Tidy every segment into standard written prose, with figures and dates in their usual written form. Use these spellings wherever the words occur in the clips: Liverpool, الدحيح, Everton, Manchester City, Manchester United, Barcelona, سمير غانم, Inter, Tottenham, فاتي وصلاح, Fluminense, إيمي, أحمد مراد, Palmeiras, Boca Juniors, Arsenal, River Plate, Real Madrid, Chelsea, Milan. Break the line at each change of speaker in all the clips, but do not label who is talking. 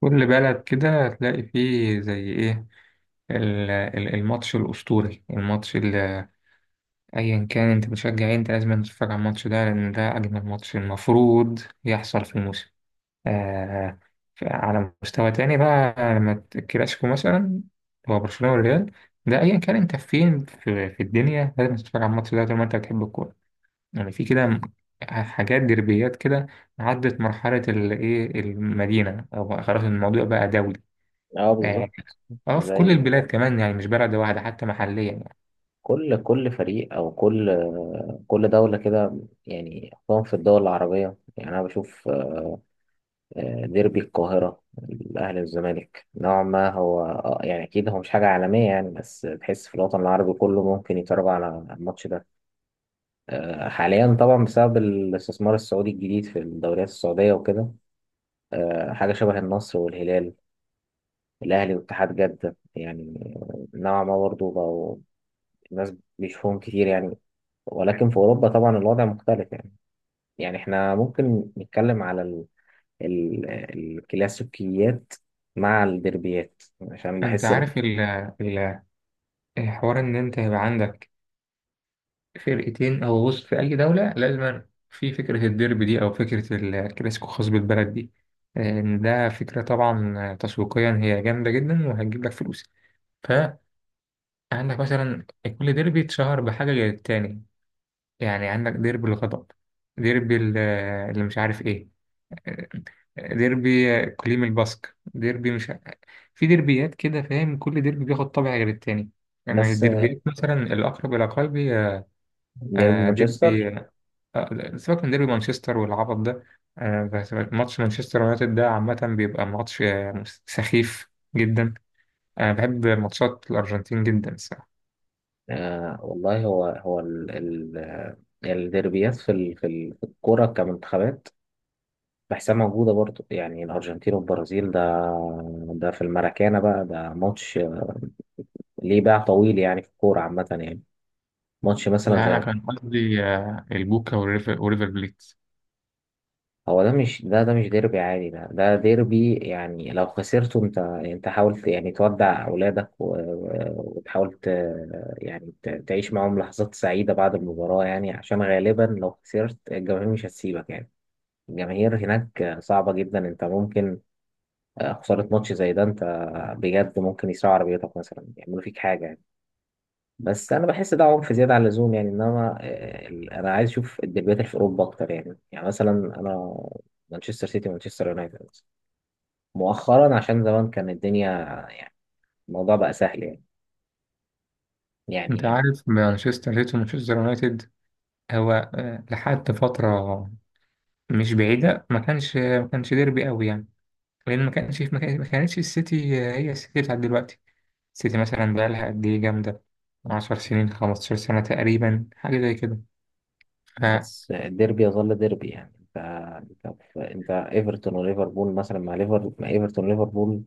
كل بلد كده هتلاقي فيه زي ايه، الماتش الأسطوري، الماتش اللي أيا كان انت بتشجع ايه، انت لازم تتفرج على الماتش ده، لأن ده أجمل ماتش المفروض يحصل في الموسم. آه. على مستوى تاني بقى، لما الكلاسيكو مثلا، هو برشلونة والريال. ده أيا كان انت فين في الدنيا لازم تتفرج على الماتش ده طول ما انت بتحب الكورة. يعني في كده حاجات دربيات كده، عدت مرحلة الإيه، المدينة، أو خلاص الموضوع بقى دولي.
اه
آه.
بالظبط،
اه، في كل
زي
البلاد كمان، يعني مش بلد واحدة، حتى محليا يعني.
كل فريق او كل دولة كده. يعني خصوصا في الدول العربية، يعني انا بشوف ديربي القاهرة، الاهلي والزمالك، نوعا ما هو يعني اكيد هو مش حاجة عالمية يعني، بس تحس في الوطن العربي كله ممكن يتفرج على الماتش ده. حاليا طبعا، بسبب الاستثمار السعودي الجديد في الدوريات السعودية وكده، حاجة شبه النصر والهلال، الاهلي واتحاد جدة، يعني نوعا ما برضه بقوا الناس بيشوفوهم كتير يعني. ولكن في أوروبا طبعا الوضع مختلف يعني. يعني احنا ممكن نتكلم على الكلاسيكيات مع الديربيات، عشان
انت
بحس إن
عارف ال- الحوار، ان انت يبقى عندك فرقتين او غصن في اي دولة لازم في فكرة الديربي دي، او فكرة الكلاسيكو الخاص بالبلد دي. ان ده فكرة طبعا تسويقيا هي جامدة جدا، وهتجيب لك فلوس. فعندك مثلا كل ديربي اتشهر بحاجة غير التاني. يعني عندك ديربي الغضب، ديربي اللي مش عارف ايه، ديربي كليم الباسك، ديربي مش، في ديربيات كده فاهم، كل ديربي بياخد طابع غير التاني. يعني
الناس
الديربيات مثلا الأقرب إلى قلبي، آه.
ديربي مانشستر.
ديربي، سيبك من ديربي مانشستر والعبط ده. بس ماتش مانشستر يونايتد ده عامة بيبقى ماتش سخيف جدا. أنا بحب ماتشات الأرجنتين جدا الصراحة.
آه والله هو هو الديربيات في في الكرة كمنتخبات، بحسها موجودة برضو يعني. الأرجنتين والبرازيل ده، ده في الماراكانا بقى، ده ماتش ليه باع طويل يعني في الكورة عامة يعني. ماتش مثلا
لا، أنا
زي.
كان قصدي البوكا وريفر وريفر بليت.
هو ده مش، ده مش ديربي عادي، ده ديربي يعني. لو خسرته انت حاولت يعني تودع اولادك وتحاول يعني تعيش معاهم لحظات سعيدة بعد المباراة، يعني عشان غالبا لو خسرت الجماهير مش هتسيبك يعني. الجماهير هناك صعبة جدا، انت ممكن خسارة ماتش زي ده، انت بجد ممكن يسرقوا عربيتك مثلا، يعملوا فيك حاجة يعني. بس انا بحس ده عنف زياده عن اللزوم يعني. انما انا عايز اشوف الديربيات اللي في اوروبا اكتر يعني. يعني مثلا انا مانشستر سيتي ومانشستر يونايتد مثلاً. مؤخرا عشان زمان كان الدنيا يعني الموضوع بقى سهل يعني
أنت
يعني.
عارف مانشستر سيتي ومانشستر يونايتد، هو لحد فترة مش بعيدة، ما كانش ديربي قوي يعني، لان ما كانش في مكان، ما كانتش السيتي هي السيتي بتاعت دلوقتي. السيتي مثلا بقى لها قد ايه جامده؟ 10 سنين، 15 سنه تقريبا، حاجه زي كده. فما.
بس الديربي يظل ديربي يعني. انت، انت ايفرتون وليفربول مثلا، مع ليفر مع ايفرتون ليفربول.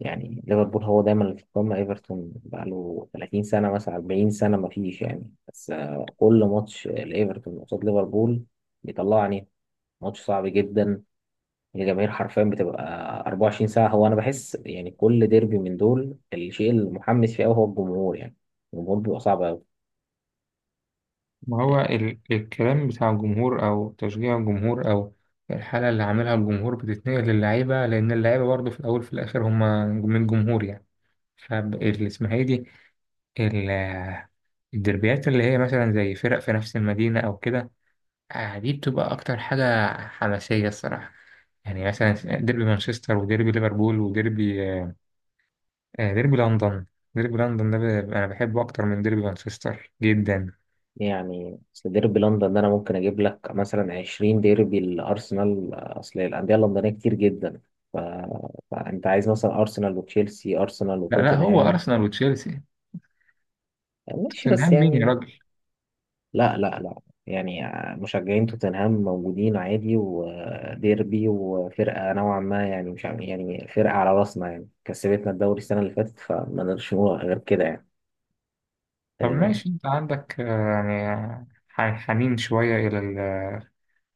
يعني ليفربول هو دايما اللي في القمه، ايفرتون بقى له 30 سنه مثلا 40 سنه ما فيش يعني. بس كل ماتش لايفرتون قصاد ليفربول بيطلعني ماتش صعب جدا. الجماهير حرفيا بتبقى 24 ساعة. هو أنا بحس يعني كل ديربي من دول الشيء المحمس فيه أوي هو الجمهور يعني، الجمهور بيبقى صعب أوي.
هو الكلام بتاع الجمهور، او تشجيع الجمهور، او الحاله اللي عاملها الجمهور بتتنقل للعيبه، لان اللعيبه برضه في الاول في الاخر هم من الجمهور يعني. فاللي اسمها ايه دي، ال- الدربيات اللي هي مثلا زي فرق في نفس المدينه او كده، دي بتبقى أكتر حاجة حماسية الصراحة. يعني مثلا ديربي مانشستر، وديربي ليفربول، وديربي آه، آه، ديربي لندن. ديربي لندن ده أنا بحبه أكتر من ديربي مانشستر جدا.
يعني أصل ديربي لندن ده أنا ممكن أجيب لك مثلا 20 ديربي لأرسنال. أصل الأندية اللندنية كتير جدا، ف... فأنت عايز مثلا أرسنال وتشيلسي، أرسنال
لا، لا، هو
وتوتنهام.
أرسنال وتشيلسي.
ماشي بس
توتنهام مين يا
يعني،
راجل؟
لا لا لا، يعني مشجعين توتنهام موجودين عادي، وديربي وفرقة نوعا ما يعني، مش عارف- يعني فرقة على راسنا، يعني كسبتنا الدوري السنة اللي فاتت، فما نقدرش نقول غير كده يعني.
طب
آه،
ماشي، أنت عندك يعني حنين شوية إلى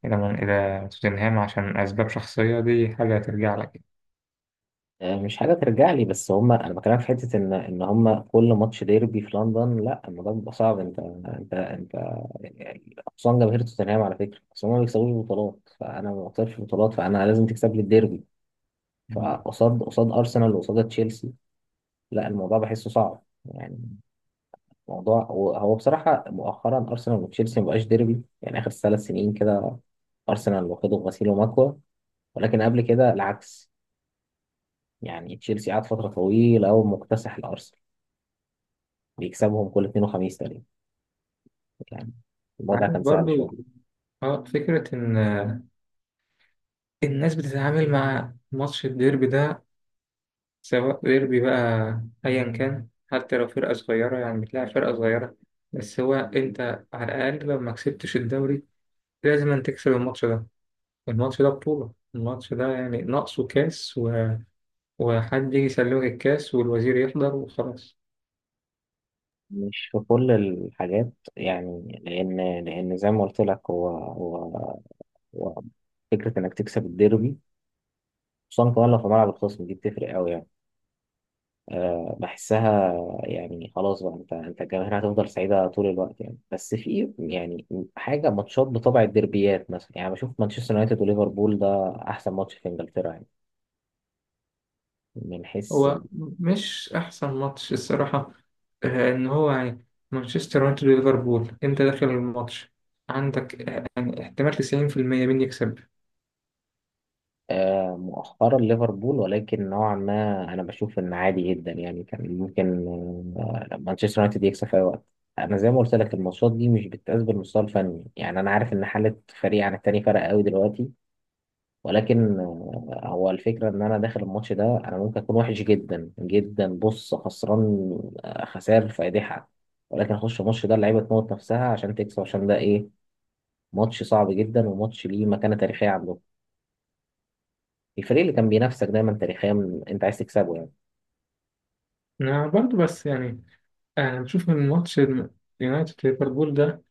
إلى، إلى توتنهام، عشان أسباب شخصية؟ دي حاجة ترجع لك يعني.
مش حاجة ترجع لي، بس هما أنا بكلمك في حتة إن هما كل ماتش ديربي في لندن، لا الموضوع بيبقى صعب. أنت يعني خصوصا جماهير توتنهام، على فكرة بس هما ما بيكسبوش بطولات، فأنا ما بكسبش بطولات، فأنا لازم تكسب لي الديربي. فقصاد أرسنال وقصاد تشيلسي، لا الموضوع بحسه صعب يعني. موضوع هو هو بصراحة، مؤخرا أرسنال وتشيلسي مبقاش ديربي يعني، آخر 3 سنين كده أرسنال واخده غسيل ومكوى. ولكن قبل كده العكس يعني، تشيلسي قعد فترة طويلة أوي مكتسح الأرسنال، بيكسبهم كل اثنين وخميس تقريبا يعني. الموضوع
عارف
كان سهل
برضو
شوية.
اه فكرة إن الناس بتتعامل مع ماتش الديربي ده، سواء ديربي بقى أيا كان، حتى لو فرقة صغيرة يعني بتلاعب فرقة صغيرة. بس هو أنت على الأقل لو ما كسبتش الدوري، لازم أن تكسب الماتش ده. الماتش ده بطولة، الماتش ده يعني ناقصه كاس، وحد يجي يسلمك الكاس والوزير يحضر وخلاص.
مش في كل الحاجات يعني، لأن زي ما قلت لك، هو فكرة إنك تكسب الديربي، خصوصا كمان لو في ملعب الخصم، دي بتفرق أوي يعني. بحسها يعني، خلاص بقى. انت الجماهير هتفضل سعيده طول الوقت يعني. بس في يعني حاجه ماتشات بطبع الديربيات، مثلا يعني بشوف مانشستر يونايتد وليفربول ده احسن ماتش في انجلترا يعني، من حيث
هو مش أحسن ماتش الصراحة. إن هو يعني مانشستر يونايتد وليفربول، أنت داخل الماتش عندك يعني احتمال 90% مين يكسب.
مؤخرا ليفربول. ولكن نوعا ما انا بشوف ان عادي جدا يعني، كان ممكن مانشستر يونايتد يكسب في اي وقت. انا زي ما قلت لك الماتشات دي مش بتتقاس بالمستوى الفني يعني. انا عارف ان حاله فريق عن التاني فرق قوي دلوقتي. ولكن هو الفكرة إن أنا داخل الماتش ده أنا ممكن أكون وحش جدا جدا، بص، خسران خسائر فادحة. ولكن أخش الماتش ده اللعيبة تموت نفسها عشان تكسب، عشان ده إيه؟ ماتش صعب جدا، وماتش ليه مكانة تاريخية عندهم. الفريق اللي كان بينافسك دايما تاريخيا أنت عايز تكسبه يعني.
أنا برضه بس يعني انا بشوف ان ماتش يونايتد ليفربول ده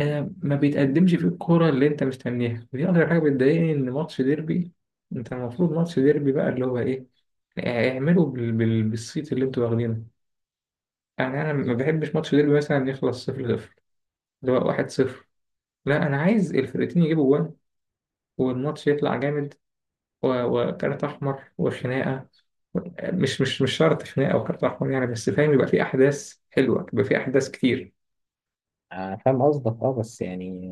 ما بيتقدمش فيه الكوره اللي انت مستنيها، ودي اكتر حاجه بتضايقني، ان ماتش ديربي، انت المفروض ماتش ديربي بقى اللي هو ايه، اعملوا بالصيت اللي انتوا واخدينه. يعني انا ما بحبش ماتش ديربي مثلا يخلص 0-0، اللي هو 1-0. لا، انا عايز الفرقتين يجيبوا جوان، والماتش يطلع جامد، وكارت احمر وخناقه، مش شرط خناقه وكارت احمر يعني، بس فاهم يبقى في احداث حلوه، يبقى في احداث كتير.
فاهم قصدك، أه بس يعني،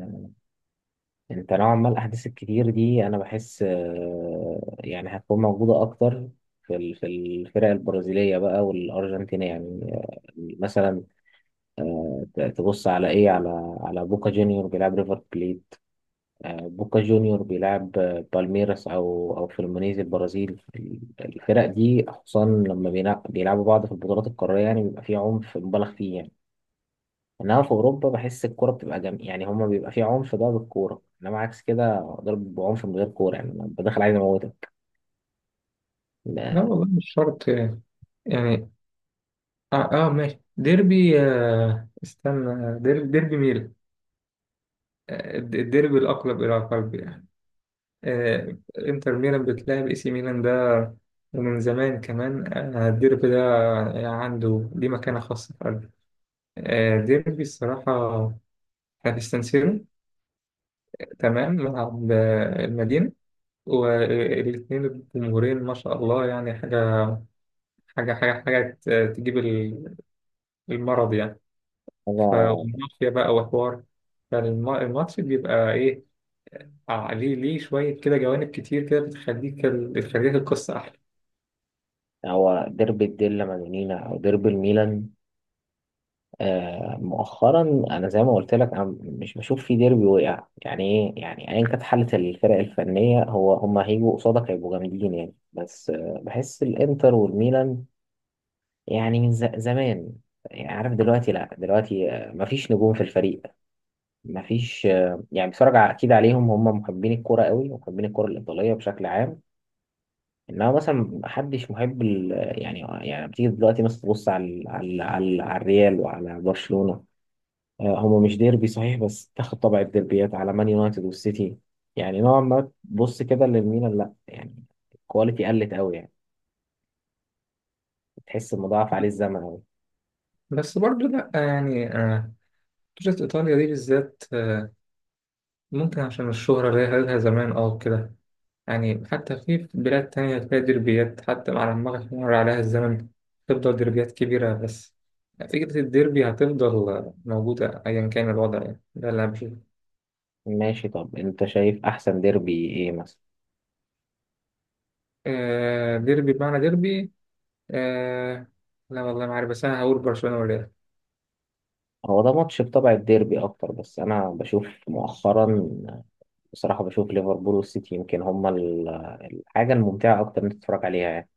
أنت نوعا ما الأحداث الكتير دي أنا بحس يعني هتكون موجودة أكتر في في الفرق البرازيلية بقى والأرجنتين يعني. مثلا تبص على ايه، على على بوكا جونيور بيلعب ريفر بليت. بوكا جونيور بيلعب بالميراس او فلومينيز البرازيل. الفرق دي خصوصا لما بيلعبوا بعض في البطولات القاريه، يعني بيبقى فيه عنف مبالغ فيه يعني. انما في اوروبا بحس الكوره بتبقى يعني هما بيبقى فيه عنف ده بالكوره، انما عكس كده ضرب بعنف من غير كوره يعني، انا بدخل عايز اموتك
لا
ده.
والله مش شرط يعني. يعني. ماشي، ديربي، استنى، ديربي ميلان. الديربي الأقرب إلى قلبي يعني. إنتر ميلان بتلعب إي سي ميلان ده، ومن زمان كمان الديربي ده يعني عنده ليه مكانة خاصة في قلبي. ديربي الصراحة، إحنا في سان سيرو، تمام، ملعب المدينة، والاثنين الجمهورين ما شاء الله، يعني حاجة تجيب المرض يعني،
هو
فمافيا بقى وحوار. فالماتش بيبقى إيه؟ ليه، شوية كده جوانب كتير كده، بتخليك القصة أحلى.
هو ديربي الديلا مادونينا او ديربي الميلان. مؤخرا انا زي ما قلت لك، انا مش بشوف في ديربي وقع يعني ايه، يعني ايا كانت حاله الفرق الفنيه هو هم هيجوا قصادك هيبقوا جامدين يعني. بس بحس الانتر والميلان، يعني من زمان، يعني عارف دلوقتي، لا دلوقتي مفيش نجوم في الفريق، مفيش يعني اكيد عليهم هم محبين الكرة قوي، ومحبين الكرة الايطاليه بشكل عام. انما مثلا محدش محب يعني يعني. بتيجي دلوقتي مثلا تبص على الريال وعلى برشلونه. هما مش ديربي صحيح، بس تاخد طبع الديربيات، على مان يونايتد والسيتي يعني. نوعا ما تبص كده للميلان، لا يعني الكواليتي قلت قوي يعني، تحس مضاعف عليه الزمن قوي.
بس برضو لأ يعني، بطولة إيطاليا دي بالذات ممكن عشان الشهرة اللي هي لها زمان كده، يعني حتى في بلاد تانية تلاقي ديربيات، حتى مع لما يمر عليها الزمن تفضل ديربيات كبيرة. بس فكرة الديربي هتفضل موجودة أيا كان الوضع يعني، ده اللي أنا بشوفه.
ماشي، طب انت شايف احسن ديربي ايه مثلا؟
ديربي بمعنى ديربي، آه... لا والله ما عارف، بس انا هقول برشلونة والريال
هو ده ماتش بطبع الديربي اكتر. بس انا بشوف مؤخرا بصراحة، بشوف ليفربول والسيتي، يمكن هما الحاجة الممتعة اكتر انت تتفرج عليها يعني.